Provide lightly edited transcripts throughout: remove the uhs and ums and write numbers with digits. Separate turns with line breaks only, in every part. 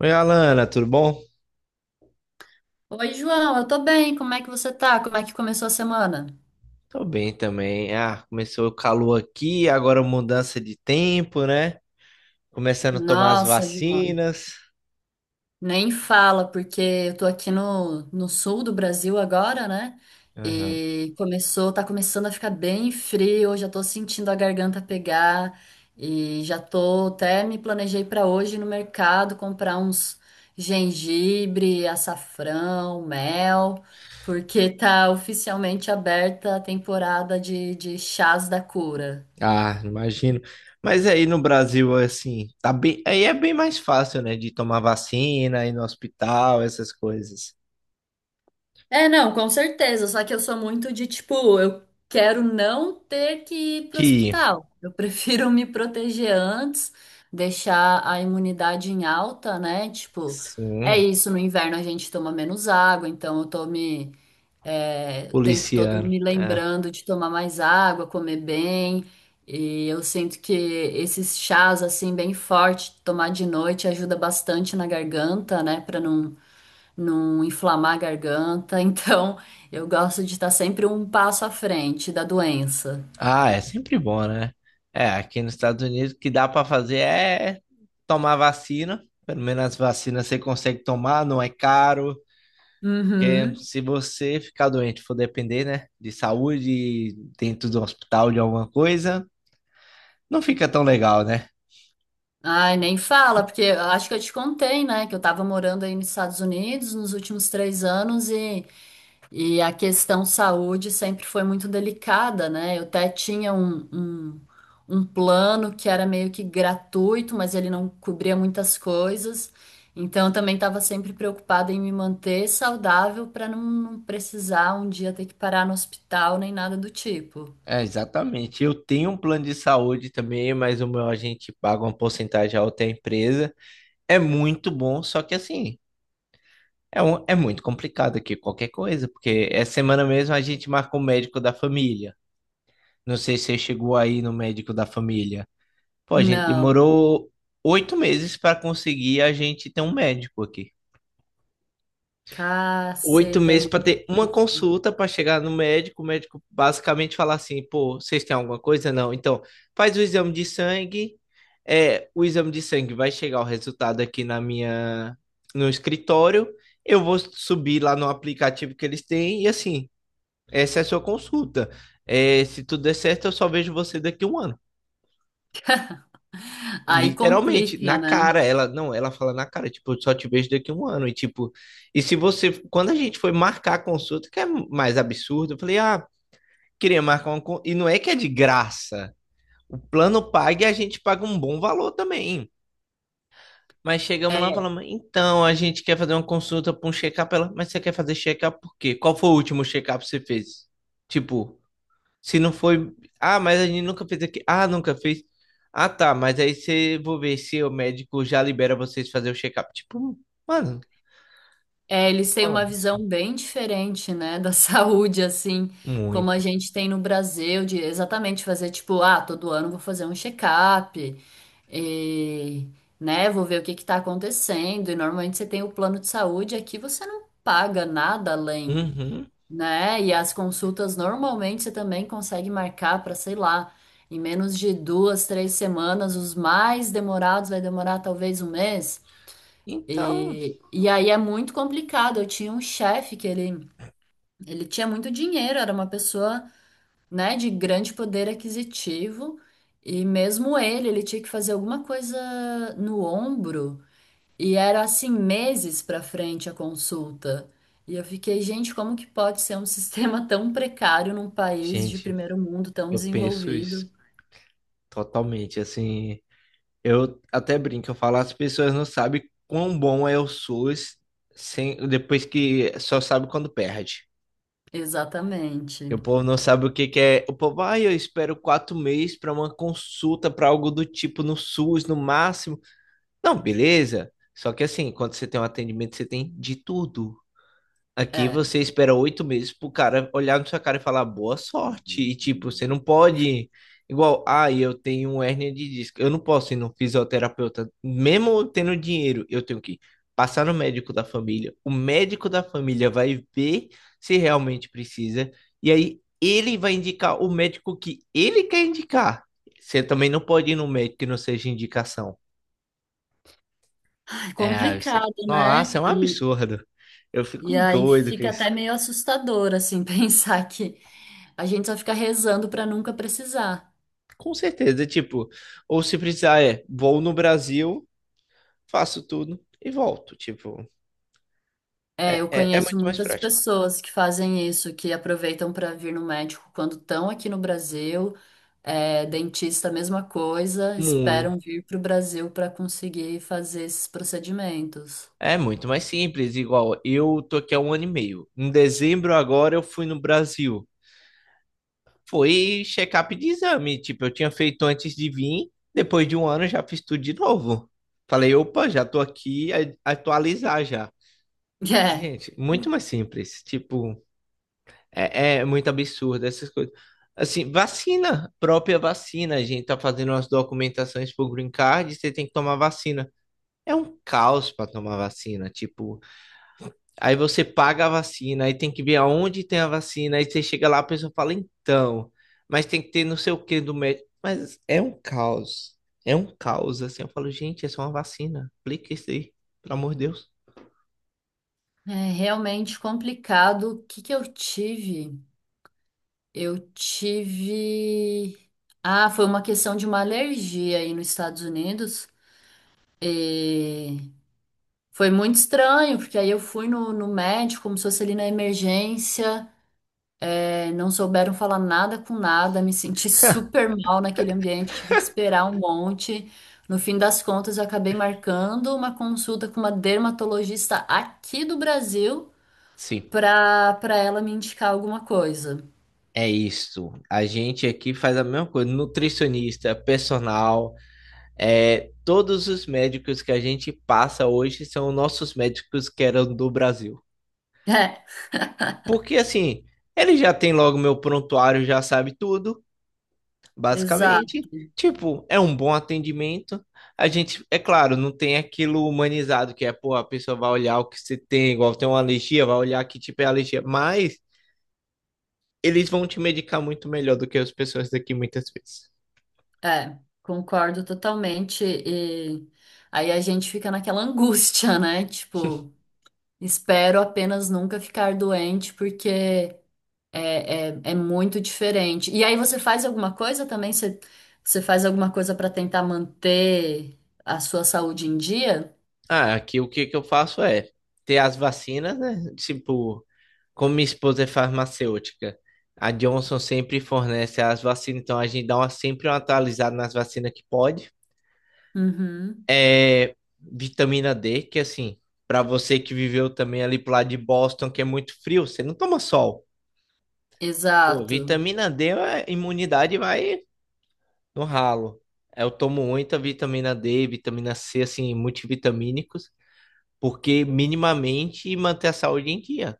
Oi, Alana, tudo bom?
Oi, João, eu tô bem. Como é que você tá? Como é que começou a semana?
Tô bem também. Começou o calor aqui, agora mudança de tempo, né? Começando a tomar as
Nossa, João,
vacinas.
nem fala, porque eu tô aqui no sul do Brasil agora, né?
Aham.
E começou, tá começando a ficar bem frio, eu já tô sentindo a garganta pegar e já tô até me planejei pra hoje ir no mercado comprar uns gengibre, açafrão, mel, porque tá oficialmente aberta a temporada de chás da cura.
Imagino. Mas aí no Brasil, assim, tá bem, aí é bem mais fácil, né, de tomar vacina, ir no hospital, essas coisas.
É, não, com certeza. Só que eu sou muito de tipo, eu quero não ter que ir pro
Que,
hospital. Eu prefiro me proteger antes, deixar a imunidade em alta, né? Tipo, é
sim,
isso. No inverno a gente toma menos água, então eu tô me, é, o tempo todo
policiano,
me
né?
lembrando de tomar mais água, comer bem. E eu sinto que esses chás assim bem forte, tomar de noite ajuda bastante na garganta, né? Pra não inflamar a garganta. Então, eu gosto de estar sempre um passo à frente da doença.
Ah, é sempre bom, né? É, aqui nos Estados Unidos o que dá para fazer é tomar vacina. Pelo menos as vacinas você consegue tomar, não é caro. Porque
Uhum.
se você ficar doente, for depender, né, de saúde, dentro do hospital, de alguma coisa, não fica tão legal, né?
Ai, nem fala, porque eu acho que eu te contei, né, que eu tava morando aí nos Estados Unidos nos últimos 3 anos e a questão saúde sempre foi muito delicada, né? Eu até tinha um plano que era meio que gratuito, mas ele não cobria muitas coisas. Então, eu também estava sempre preocupada em me manter saudável para não precisar um dia ter que parar no hospital nem nada do tipo.
É, exatamente. Eu tenho um plano de saúde também, mas o meu a gente paga uma porcentagem alta à empresa. É muito bom, só que assim. É, é muito complicado aqui qualquer coisa, porque essa semana mesmo a gente marcou o médico da família. Não sei se você chegou aí no médico da família. Pô, a gente
Não,
demorou 8 meses para conseguir a gente ter um médico aqui. Oito
caceta, é
meses
muito
para ter uma
difícil.
consulta para chegar no médico. O médico basicamente falar assim: pô, vocês têm alguma coisa? Não. Então, faz o exame de sangue. É, o exame de sangue vai chegar o resultado aqui na minha, no escritório. Eu vou subir lá no aplicativo que eles têm e assim. Essa é a sua consulta. É, se tudo der certo, eu só vejo você daqui a um ano.
Aí
Literalmente, na
complica, né?
cara, ela não, ela fala na cara, tipo, eu só te vejo daqui a um ano. E tipo, e se você, quando a gente foi marcar a consulta, que é mais absurdo, eu falei, ah, queria marcar uma e não é que é de graça. O plano paga e a gente paga um bom valor também. Mas chegamos lá e
É.
falamos, então, a gente quer fazer uma consulta para um check-up, ela, mas você quer fazer check-up por quê? Qual foi o último check-up que você fez? Tipo, se não foi. Ah, mas a gente nunca fez aqui. Ah, nunca fez. Ah, tá. Mas aí você vou ver se o médico já libera vocês fazer o check-up. Tipo, mano,
É, eles têm
fala
uma
isso.
visão bem diferente, né, da saúde, assim, como a
Muito.
gente tem no Brasil, de exatamente fazer tipo, ah, todo ano vou fazer um check-up, e, né, vou ver o que que tá acontecendo. E normalmente você tem o plano de saúde, aqui você não paga nada além,
Uhum.
né? E as consultas normalmente você também consegue marcar para, sei lá, em menos de duas, três semanas, os mais demorados vai demorar talvez um mês.
Então,
E aí é muito complicado. Eu tinha um chefe que ele tinha muito dinheiro, era uma pessoa, né, de grande poder aquisitivo, e mesmo ele, ele tinha que fazer alguma coisa no ombro, e era assim meses para frente a consulta. E eu fiquei, gente, como que pode ser um sistema tão precário num país de
gente,
primeiro mundo tão
eu penso isso
desenvolvido?
totalmente. Assim, eu até brinco, eu falo, as pessoas não sabem quão bom é o SUS sem, depois que só sabe quando perde. E
Exatamente.
o povo não sabe o que que é. O povo, ai, eu espero 4 meses para uma consulta, para algo do tipo no SUS, no máximo. Não, beleza. Só que assim, quando você tem um atendimento, você tem de tudo. Aqui
É
você espera 8 meses pro cara olhar na sua cara e falar boa sorte. E tipo, você não pode. Igual, ah, eu tenho um hérnia de disco. Eu não posso ir no fisioterapeuta. Mesmo eu tendo dinheiro, eu tenho que passar no médico da família. O médico da família vai ver se realmente precisa. E aí ele vai indicar o médico que ele quer indicar. Você também não pode ir no médico que não seja indicação. É, isso...
complicado, né?
Nossa, é um
E,
absurdo. Eu fico
e aí
doido com
fica
isso.
até meio assustador, assim, pensar que a gente só fica rezando para nunca precisar.
Com certeza, tipo, ou se precisar, é, vou no Brasil, faço tudo e volto. Tipo,
É, eu
é
conheço
muito mais
muitas
prático.
pessoas que fazem isso, que aproveitam para vir no médico quando estão aqui no Brasil, é, dentista, mesma coisa,
Muito.
esperam vir para o Brasil para conseguir fazer esses procedimentos.
É muito mais simples, igual eu tô aqui há um ano e meio. Em dezembro agora eu fui no Brasil. Foi check-up de exame, tipo, eu tinha feito antes de vir, depois de um ano eu já fiz tudo de novo. Falei, opa, já tô aqui, atualizar já. Gente, muito mais simples, tipo, é, é muito absurdo essas coisas. Assim, vacina, própria vacina. A gente tá fazendo umas documentações pro Green Card, você tem que tomar vacina. É um caos para tomar vacina, tipo, aí você paga a vacina, aí tem que ver aonde tem a vacina, aí você chega lá, a pessoa fala, então, mas tem que ter não sei o que do médico. Mas é um caos. É um caos, assim. Eu falo, gente, é só uma vacina. Aplica isso aí, pelo amor de Deus.
É, é realmente complicado. O que que eu tive? Eu tive. Ah, foi uma questão de uma alergia aí nos Estados Unidos. E foi muito estranho, porque aí eu fui no médico, como se fosse ali na emergência, é, não souberam falar nada com nada, me senti super mal naquele ambiente, tive que esperar um monte. No fim das contas, eu acabei marcando uma consulta com uma dermatologista aqui do Brasil
Sim,
para ela me indicar alguma coisa.
é isso. A gente aqui faz a mesma coisa. Nutricionista, personal, é, todos os médicos que a gente passa hoje são nossos médicos que eram do Brasil.
É,
Porque assim, ele já tem logo meu prontuário, já sabe tudo, basicamente.
exato,
Tipo, é um bom atendimento. A gente, é claro, não tem aquilo humanizado que é, pô, a pessoa vai olhar o que você tem, igual tem uma alergia, vai olhar que tipo é alergia, mas eles vão te medicar muito melhor do que as pessoas daqui muitas vezes.
é, concordo totalmente. E aí a gente fica naquela angústia, né? Tipo. Espero apenas nunca ficar doente, porque é, é, é muito diferente. E aí você faz alguma coisa também? Você, você faz alguma coisa para tentar manter a sua saúde em dia?
Ah, aqui o que que eu faço é ter as vacinas, né? Tipo, como minha esposa é farmacêutica, a Johnson sempre fornece as vacinas, então a gente dá uma, sempre uma atualizada nas vacinas que pode.
Uhum,
É, vitamina D, que assim, para você que viveu também ali pro lado de Boston, que é muito frio, você não toma sol. Pô,
exato.
vitamina D, a imunidade vai no ralo. Eu tomo muita vitamina D, vitamina C, assim, multivitamínicos, porque minimamente manter a saúde em dia.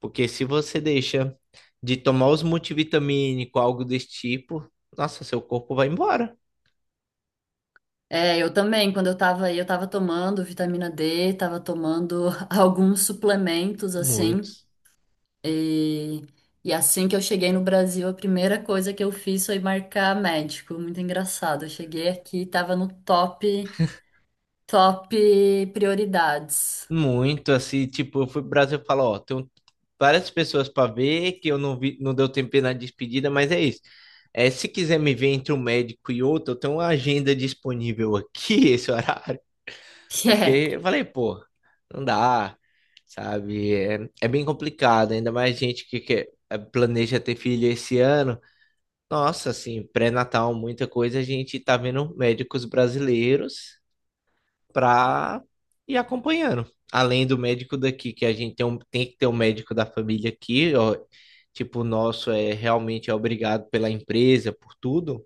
Porque se você deixa de tomar os multivitamínicos, algo desse tipo, nossa, seu corpo vai embora.
É, eu também, quando eu tava aí, eu tava tomando vitamina D, tava tomando alguns suplementos, assim,
Muitos.
e, e assim que eu cheguei no Brasil, a primeira coisa que eu fiz foi marcar médico, muito engraçado, eu cheguei aqui, tava no top. Top prioridades.
Muito, assim, tipo, eu fui pro Brasil e falo, ó, tenho várias pessoas para ver que eu não vi, não deu tempo na despedida, mas é isso. É, se quiser me ver entre um médico e outro, eu tenho uma agenda disponível aqui, esse horário, porque
É.
eu falei, pô, não dá, sabe? É, é bem complicado, ainda mais gente que quer, planeja ter filho esse ano. Nossa, assim, pré-natal, muita coisa, a gente tá vendo médicos brasileiros pra ir acompanhando. Além do médico daqui, que a gente tem, tem que ter um médico da família aqui, ó, tipo, o nosso é realmente é obrigado pela empresa, por tudo,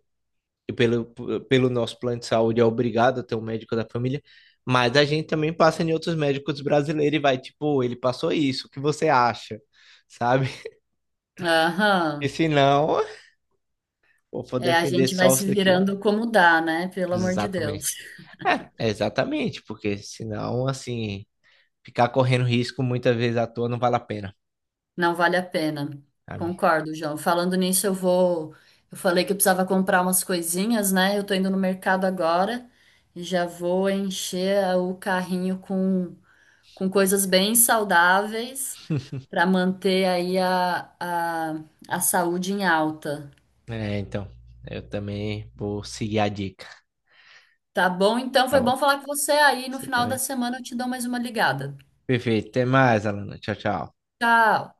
e pelo, pelo nosso plano de saúde é obrigado a ter um médico da família, mas a gente também passa em outros médicos brasileiros e vai, tipo, ele passou isso, o que você acha? Sabe? E
Aham.
se não, pô, vou
É, a
depender
gente vai
só isso
se
daqui.
virando como dá, né? Pelo amor de Deus.
Exatamente. É, é exatamente, porque senão, assim, ficar correndo risco muitas vezes à toa não vale a pena,
Não vale a pena.
sabe?
Concordo, João. Falando nisso, eu vou. Eu falei que eu precisava comprar umas coisinhas, né? Eu tô indo no mercado agora e já vou encher a- o carrinho com coisas bem saudáveis para manter aí a saúde em alta.
É, então, eu também vou seguir a dica,
Tá bom? Então
tá
foi
bom?
bom falar com você aí. No
Você
final da
também.
semana eu te dou mais uma ligada.
Perfeito, até mais, Alana. Tchau, tchau.
Tchau.